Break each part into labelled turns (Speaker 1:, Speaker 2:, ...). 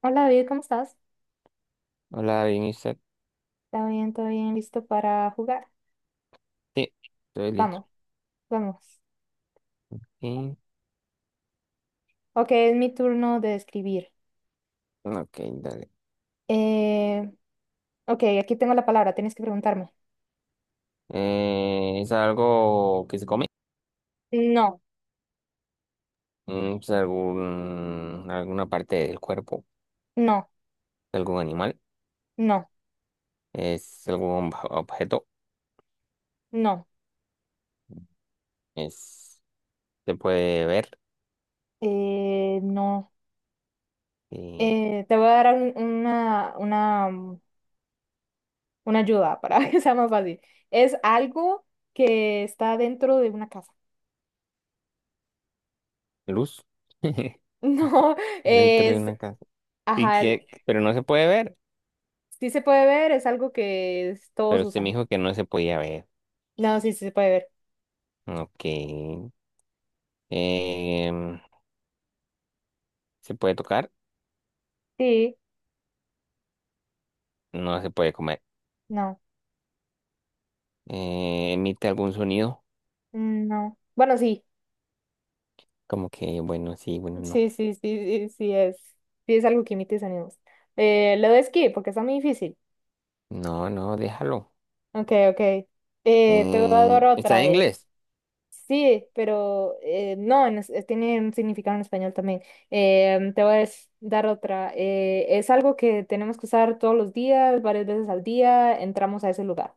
Speaker 1: Hola David, ¿cómo estás?
Speaker 2: Hola, bien,
Speaker 1: ¿Está bien? ¿Todo bien? ¿Listo para jugar?
Speaker 2: sí, estoy listo.
Speaker 1: Vamos, vamos.
Speaker 2: Y-
Speaker 1: Ok, es mi turno de escribir.
Speaker 2: ok, dale.
Speaker 1: Eh, ok, aquí tengo la palabra, tienes que preguntarme.
Speaker 2: ¿Es algo que se come?
Speaker 1: No,
Speaker 2: ¿Es alguna parte del cuerpo
Speaker 1: no,
Speaker 2: de algún animal?
Speaker 1: no,
Speaker 2: ¿Es algún objeto?
Speaker 1: no,
Speaker 2: ¿Es, ¿Se puede ver?
Speaker 1: no.
Speaker 2: Y
Speaker 1: Te voy a dar una ayuda para que sea más fácil. Es algo que está dentro de una casa.
Speaker 2: Luz.
Speaker 1: No,
Speaker 2: Dentro de
Speaker 1: es,
Speaker 2: una casa. ¿Y
Speaker 1: ajá,
Speaker 2: que Pero no se puede ver.
Speaker 1: sí se puede ver, es algo que todos
Speaker 2: Pero usted me
Speaker 1: usan.
Speaker 2: dijo que no se podía ver.
Speaker 1: No, sí, sí se puede ver.
Speaker 2: Ok. Em, ¿Se puede tocar?
Speaker 1: Sí,
Speaker 2: No se puede comer.
Speaker 1: no.
Speaker 2: ¿Emite algún sonido?
Speaker 1: Mm, no. Bueno, sí,
Speaker 2: Como que, bueno, sí, bueno, no.
Speaker 1: sí, sí, sí, sí, sí es. Sí es algo que emite mis ánimos. Lo de esquí, porque está muy difícil.
Speaker 2: No, no, déjalo.
Speaker 1: Ok, ok. Te voy a dar
Speaker 2: Está
Speaker 1: otra.
Speaker 2: en inglés.
Speaker 1: Sí, pero no, en tiene un significado en español también. Te voy a dar otra. Es algo que tenemos que usar todos los días, varias veces al día, entramos a ese lugar.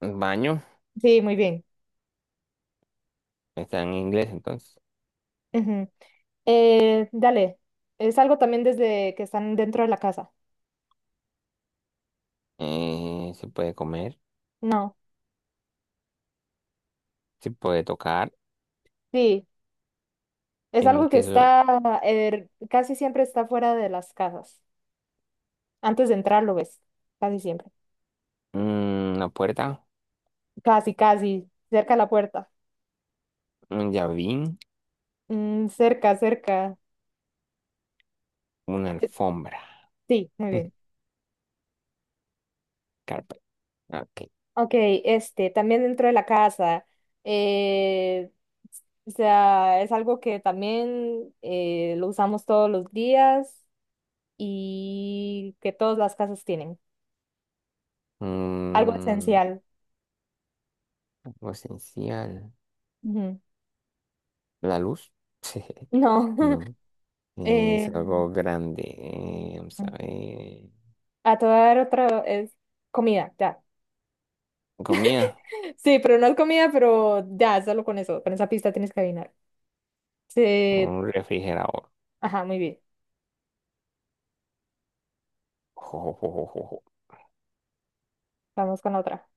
Speaker 2: El baño
Speaker 1: Sí, muy bien.
Speaker 2: está en inglés, entonces.
Speaker 1: Ujú. Dale, es algo también desde que están dentro de la casa.
Speaker 2: Se puede comer,
Speaker 1: No.
Speaker 2: se puede tocar.
Speaker 1: Sí. Es algo que
Speaker 2: Emite so-
Speaker 1: está, casi siempre está fuera de las casas. Antes de entrar lo ves, casi siempre.
Speaker 2: una puerta,
Speaker 1: Casi, casi, cerca de la puerta.
Speaker 2: un llavín,
Speaker 1: Mm, cerca, cerca.
Speaker 2: una
Speaker 1: Eh,
Speaker 2: alfombra.
Speaker 1: Sí, muy bien.
Speaker 2: Carpet. Ok.
Speaker 1: Ok, este, también dentro de la casa. eh, o sea, es algo que también lo usamos todos los días y que todas las casas tienen. Algo
Speaker 2: Mm,
Speaker 1: esencial.
Speaker 2: Algo esencial.
Speaker 1: Ujú.
Speaker 2: La luz.
Speaker 1: No.
Speaker 2: No. Es
Speaker 1: eh,
Speaker 2: algo grande. Vamos a ver.
Speaker 1: a toda otra es comida, ya.
Speaker 2: Comida.
Speaker 1: Sí, pero no es comida, pero ya, solo con eso, con esa pista tienes que adivinar. Sí,
Speaker 2: Un refrigerador.
Speaker 1: ajá, muy bien. Vamos con la otra.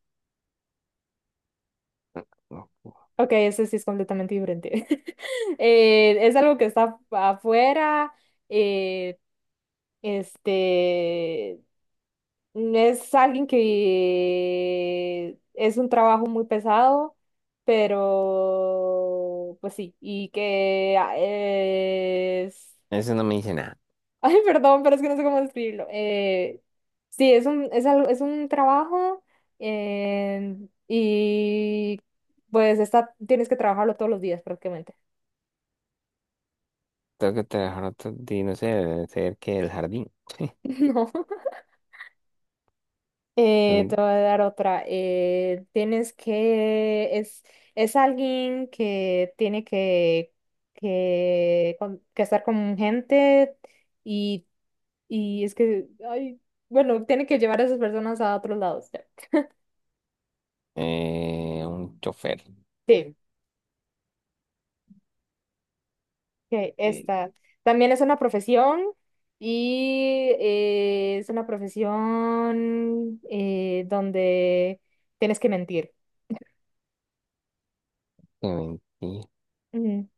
Speaker 1: Ok, ese sí es completamente diferente. Es algo que está afuera. eh, este es alguien que es un trabajo muy pesado, pero pues sí, y que ah, es
Speaker 2: Eso no me dice nada.
Speaker 1: Ay, perdón, pero es que no sé cómo describirlo. Sí, es algo, es un trabajo eh, y pues está, tienes que trabajarlo todos los días prácticamente.
Speaker 2: Tengo que trabajar otro día, no sé, debe ser que el jardín.
Speaker 1: No.
Speaker 2: Es
Speaker 1: Te
Speaker 2: un,
Speaker 1: voy a dar otra. Tienes es alguien que tiene que estar con gente y, y es que, ay, bueno, tiene que llevar a esas personas a otros lados. Ya.
Speaker 2: un chofer.
Speaker 1: Sí. Ok,
Speaker 2: Eh,
Speaker 1: esta también es una profesión y es una profesión donde tienes que mentir.
Speaker 2: Que mentir.
Speaker 1: Ujú.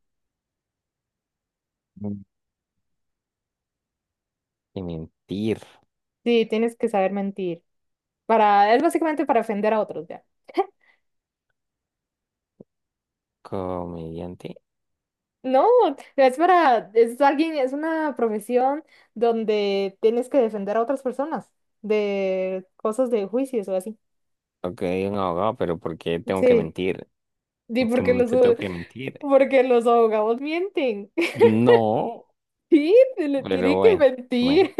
Speaker 2: Que mentir.
Speaker 1: Sí, tienes que saber mentir. Para, es básicamente para ofender a otros, ya.
Speaker 2: Comediante.
Speaker 1: No, es para, es alguien, es una profesión donde tienes que defender a otras personas de cosas de juicios o así.
Speaker 2: Ok, un abogado, pero ¿por qué tengo que
Speaker 1: Sí,
Speaker 2: mentir?
Speaker 1: sí,
Speaker 2: ¿En qué
Speaker 1: porque los,
Speaker 2: momento tengo que mentir?
Speaker 1: porque los abogados mienten.
Speaker 2: No,
Speaker 1: Sí, te le
Speaker 2: pero
Speaker 1: tienen que
Speaker 2: bueno, bueno.
Speaker 1: mentir.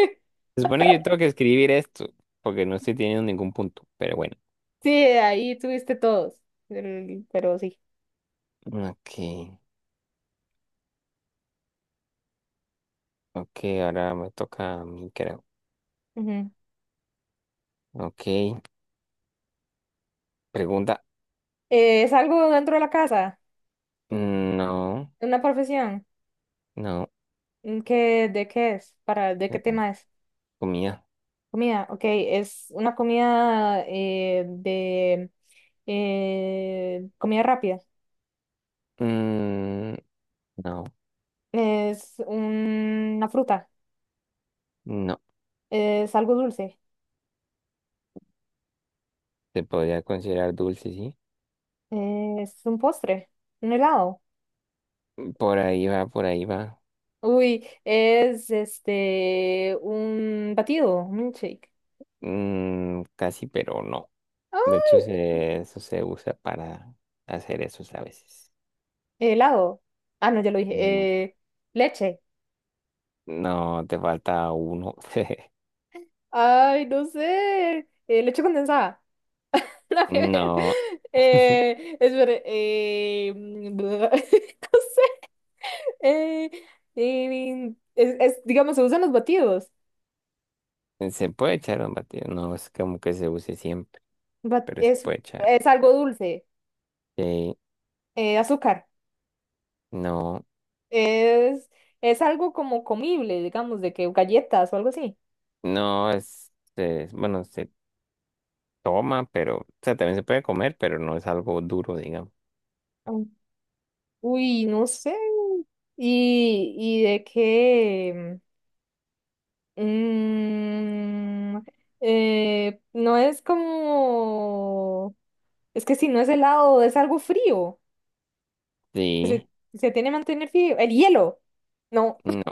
Speaker 2: Se supone que yo tengo que escribir esto, porque no estoy teniendo ningún punto, pero bueno.
Speaker 1: Sí, ahí tuviste todos, pero sí.
Speaker 2: Ok, ok, ahora me toca a mí, creo.
Speaker 1: Ujú.
Speaker 2: Ok, pregunta.
Speaker 1: ¿Es algo dentro de la casa?
Speaker 2: No.
Speaker 1: ¿Una profesión?
Speaker 2: No.
Speaker 1: ¿En ¿Qué, de qué es? ¿Para, de qué
Speaker 2: Eh,
Speaker 1: tema es?
Speaker 2: Comida.
Speaker 1: Comida, ok, es una comida de comida rápida.
Speaker 2: Mm, no,
Speaker 1: Es una fruta,
Speaker 2: no.
Speaker 1: es algo dulce,
Speaker 2: Se podría considerar dulce, sí.
Speaker 1: es un postre, un helado.
Speaker 2: Por ahí va, por ahí va.
Speaker 1: Uy, es este un batido, un milkshake.
Speaker 2: Casi, pero no. De hecho, eso se usa para hacer eso a veces.
Speaker 1: Helado. Ah, no, ya lo dije.
Speaker 2: Mm,
Speaker 1: Eh, leche.
Speaker 2: no, te falta uno.
Speaker 1: Ay, no sé. Leche condensada. Nada que ver.
Speaker 2: No,
Speaker 1: Espere, no sé. Eh, es, digamos, se usan los batidos.
Speaker 2: se puede echar un batido. No es como que se use siempre,
Speaker 1: Ba-
Speaker 2: pero se
Speaker 1: es,
Speaker 2: puede echar.
Speaker 1: es algo dulce.
Speaker 2: Sí,
Speaker 1: Azúcar.
Speaker 2: no,
Speaker 1: Es, es algo como comible, digamos, de que galletas o algo así.
Speaker 2: no es, bueno, se toma, pero, o sea, también se puede comer, pero no es algo duro, digamos.
Speaker 1: Mm. Uy, no sé. Y de qué? Mm, no es como... Es que si no es helado, es algo frío.
Speaker 2: Sí,
Speaker 1: Se, se tiene que mantener frío. El hielo. No,
Speaker 2: no,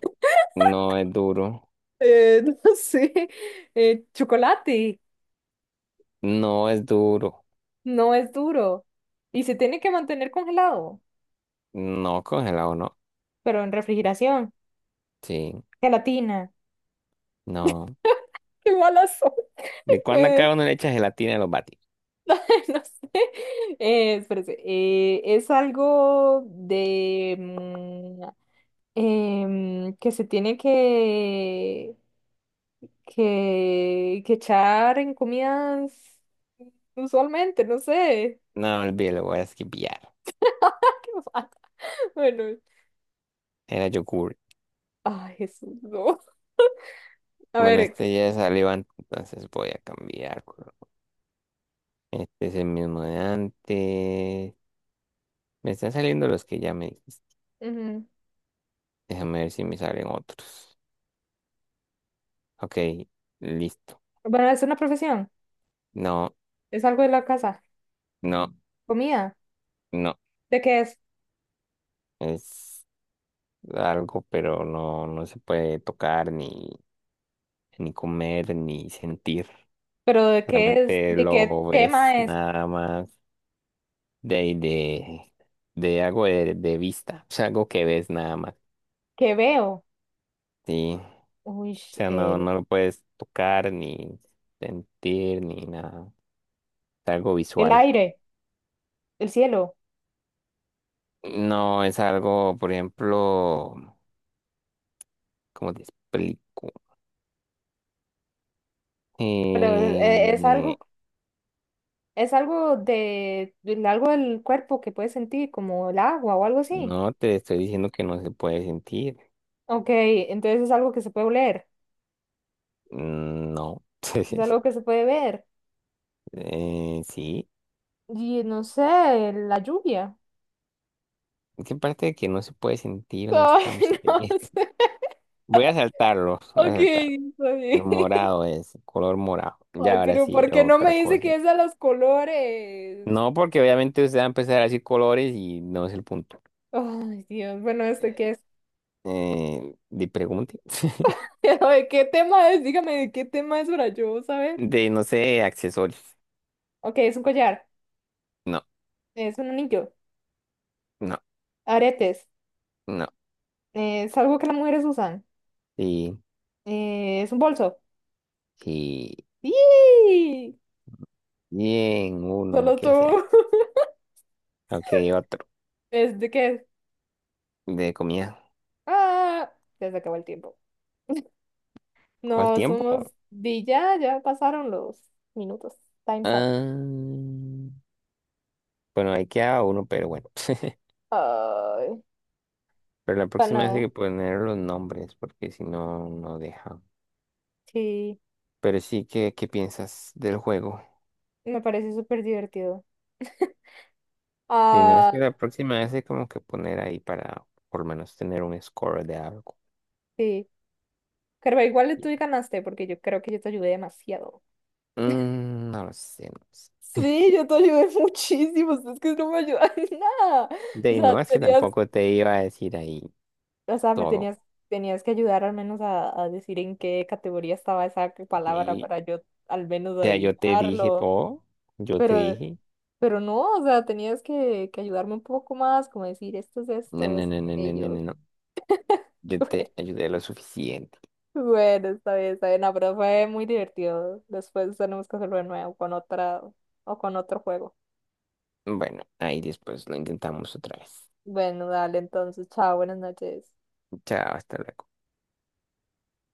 Speaker 2: no es duro,
Speaker 1: no sé. Chocolate.
Speaker 2: no es duro,
Speaker 1: No es duro. Y se tiene que mantener congelado,
Speaker 2: no congelado, no,
Speaker 1: pero en refrigeración.
Speaker 2: sí,
Speaker 1: Gelatina.
Speaker 2: no.
Speaker 1: Qué malas son.
Speaker 2: ¿De cuándo
Speaker 1: Eh,
Speaker 2: acá uno le echa gelatina a los batis?
Speaker 1: no sé. Espérese. Es algo de... que se tiene que echar en comidas usualmente, no sé.
Speaker 2: No, olvídalo, voy a esquipear.
Speaker 1: ¿Qué me bueno,
Speaker 2: Era yogurt.
Speaker 1: ay, Jesús, no. A
Speaker 2: Bueno,
Speaker 1: ver,
Speaker 2: este ya salió antes, entonces voy a cambiar color. Este es el mismo de antes. Me están saliendo los que ya me dijiste.
Speaker 1: ujú.
Speaker 2: Déjame ver si me salen otros. Ok, listo.
Speaker 1: Bueno, es una profesión,
Speaker 2: No,
Speaker 1: es algo de la casa.
Speaker 2: no,
Speaker 1: Comida,
Speaker 2: no,
Speaker 1: ¿de qué es?
Speaker 2: es algo, pero no, no se puede tocar ni comer, ni sentir.
Speaker 1: Pero ¿de qué es?
Speaker 2: Solamente
Speaker 1: ¿De qué
Speaker 2: lo ves
Speaker 1: tema es?
Speaker 2: nada más de, ahí de algo de vista. O sea, algo que ves nada más.
Speaker 1: ¿Qué veo?
Speaker 2: Sí. O
Speaker 1: Uy,
Speaker 2: sea, no,
Speaker 1: eh,
Speaker 2: no lo puedes tocar, ni sentir, ni nada. Es algo
Speaker 1: el
Speaker 2: visual.
Speaker 1: aire, el cielo.
Speaker 2: No es algo, por ejemplo, ¿cómo te explico?
Speaker 1: Pero es
Speaker 2: Eh,
Speaker 1: algo es algo de, algo del cuerpo que puedes sentir, como el agua o algo así.
Speaker 2: no te estoy diciendo que no se puede sentir.
Speaker 1: Ok, entonces es algo que se puede oler,
Speaker 2: Mm, no.
Speaker 1: es algo que se puede ver.
Speaker 2: Sí.
Speaker 1: Y no sé, la lluvia.
Speaker 2: Qué parte de que no se puede sentir, no estamos
Speaker 1: Ay, no
Speaker 2: entendiendo.
Speaker 1: sé.
Speaker 2: Voy a saltarlo, voy a
Speaker 1: Ok,
Speaker 2: saltarlo.
Speaker 1: está
Speaker 2: El
Speaker 1: bien.
Speaker 2: morado es, color morado. Ya
Speaker 1: Ay,
Speaker 2: ahora
Speaker 1: pero
Speaker 2: sí,
Speaker 1: ¿por qué no me
Speaker 2: otra
Speaker 1: dice
Speaker 2: cosa.
Speaker 1: que es a los colores?
Speaker 2: No, porque obviamente usted va a empezar a decir colores y no es el punto.
Speaker 1: Ay, Dios, bueno, ¿este
Speaker 2: Eh,
Speaker 1: qué es?
Speaker 2: de pregunte.
Speaker 1: Pero, ¿de qué tema es? Dígame, ¿de qué tema es para yo saber?
Speaker 2: De, no sé, accesorios.
Speaker 1: Ok, es un collar,
Speaker 2: No,
Speaker 1: es un anillo,
Speaker 2: no,
Speaker 1: aretes,
Speaker 2: no.
Speaker 1: es algo que las mujeres usan,
Speaker 2: Sí,
Speaker 1: es un bolso.
Speaker 2: sí.
Speaker 1: ¡Yee!
Speaker 2: Bien, uno,
Speaker 1: Solo tú.
Speaker 2: que sea. Ok, otro.
Speaker 1: ¿Es de qué?
Speaker 2: De comida.
Speaker 1: Ah, ya se acabó el tiempo.
Speaker 2: ¿Cuál
Speaker 1: No,
Speaker 2: tiempo?
Speaker 1: somos di ya, ya pasaron los minutos. Time's up.
Speaker 2: Ah, bueno, ahí queda uno, pero bueno.
Speaker 1: Ay,
Speaker 2: Pero la
Speaker 1: pero
Speaker 2: próxima vez hay
Speaker 1: no,
Speaker 2: que poner los nombres, porque si no, no deja.
Speaker 1: sí,
Speaker 2: Pero sí, ¿qué piensas del juego?
Speaker 1: me parece súper divertido.
Speaker 2: Si no es
Speaker 1: Ah,
Speaker 2: que la próxima vez hay como que poner ahí para por lo menos tener un score de algo.
Speaker 1: sí. Pero igual tú ganaste porque yo creo que yo te ayudé demasiado.
Speaker 2: Mm, no lo sé, no lo sé.
Speaker 1: Sí, yo te ayudé muchísimo. Es que no me ayudan en nada.
Speaker 2: De
Speaker 1: O
Speaker 2: ahí
Speaker 1: sea,
Speaker 2: no, es que
Speaker 1: serías
Speaker 2: tampoco te iba a decir ahí
Speaker 1: o sea, me
Speaker 2: todo.
Speaker 1: tenías, tenías que ayudar al menos a decir en qué categoría estaba esa palabra
Speaker 2: Y,
Speaker 1: para yo al menos
Speaker 2: o yo te dije
Speaker 1: adivinarlo.
Speaker 2: todo, yo te
Speaker 1: Pero,
Speaker 2: dije,
Speaker 1: pero no, o sea, tenías que ayudarme un poco más, como decir esto es
Speaker 2: no,
Speaker 1: esto,
Speaker 2: no,
Speaker 1: esto
Speaker 2: no,
Speaker 1: es
Speaker 2: no, no, no, no,
Speaker 1: aquello.
Speaker 2: no. Yo te ayudé lo suficiente.
Speaker 1: Bueno, bueno, está bien, está bien. No, pero fue muy divertido. Después tenemos que hacerlo de nuevo con otra o con otro juego.
Speaker 2: Bueno, ahí después lo intentamos otra vez.
Speaker 1: Bueno, dale, entonces, chao, buenas noches.
Speaker 2: Chao, hasta luego.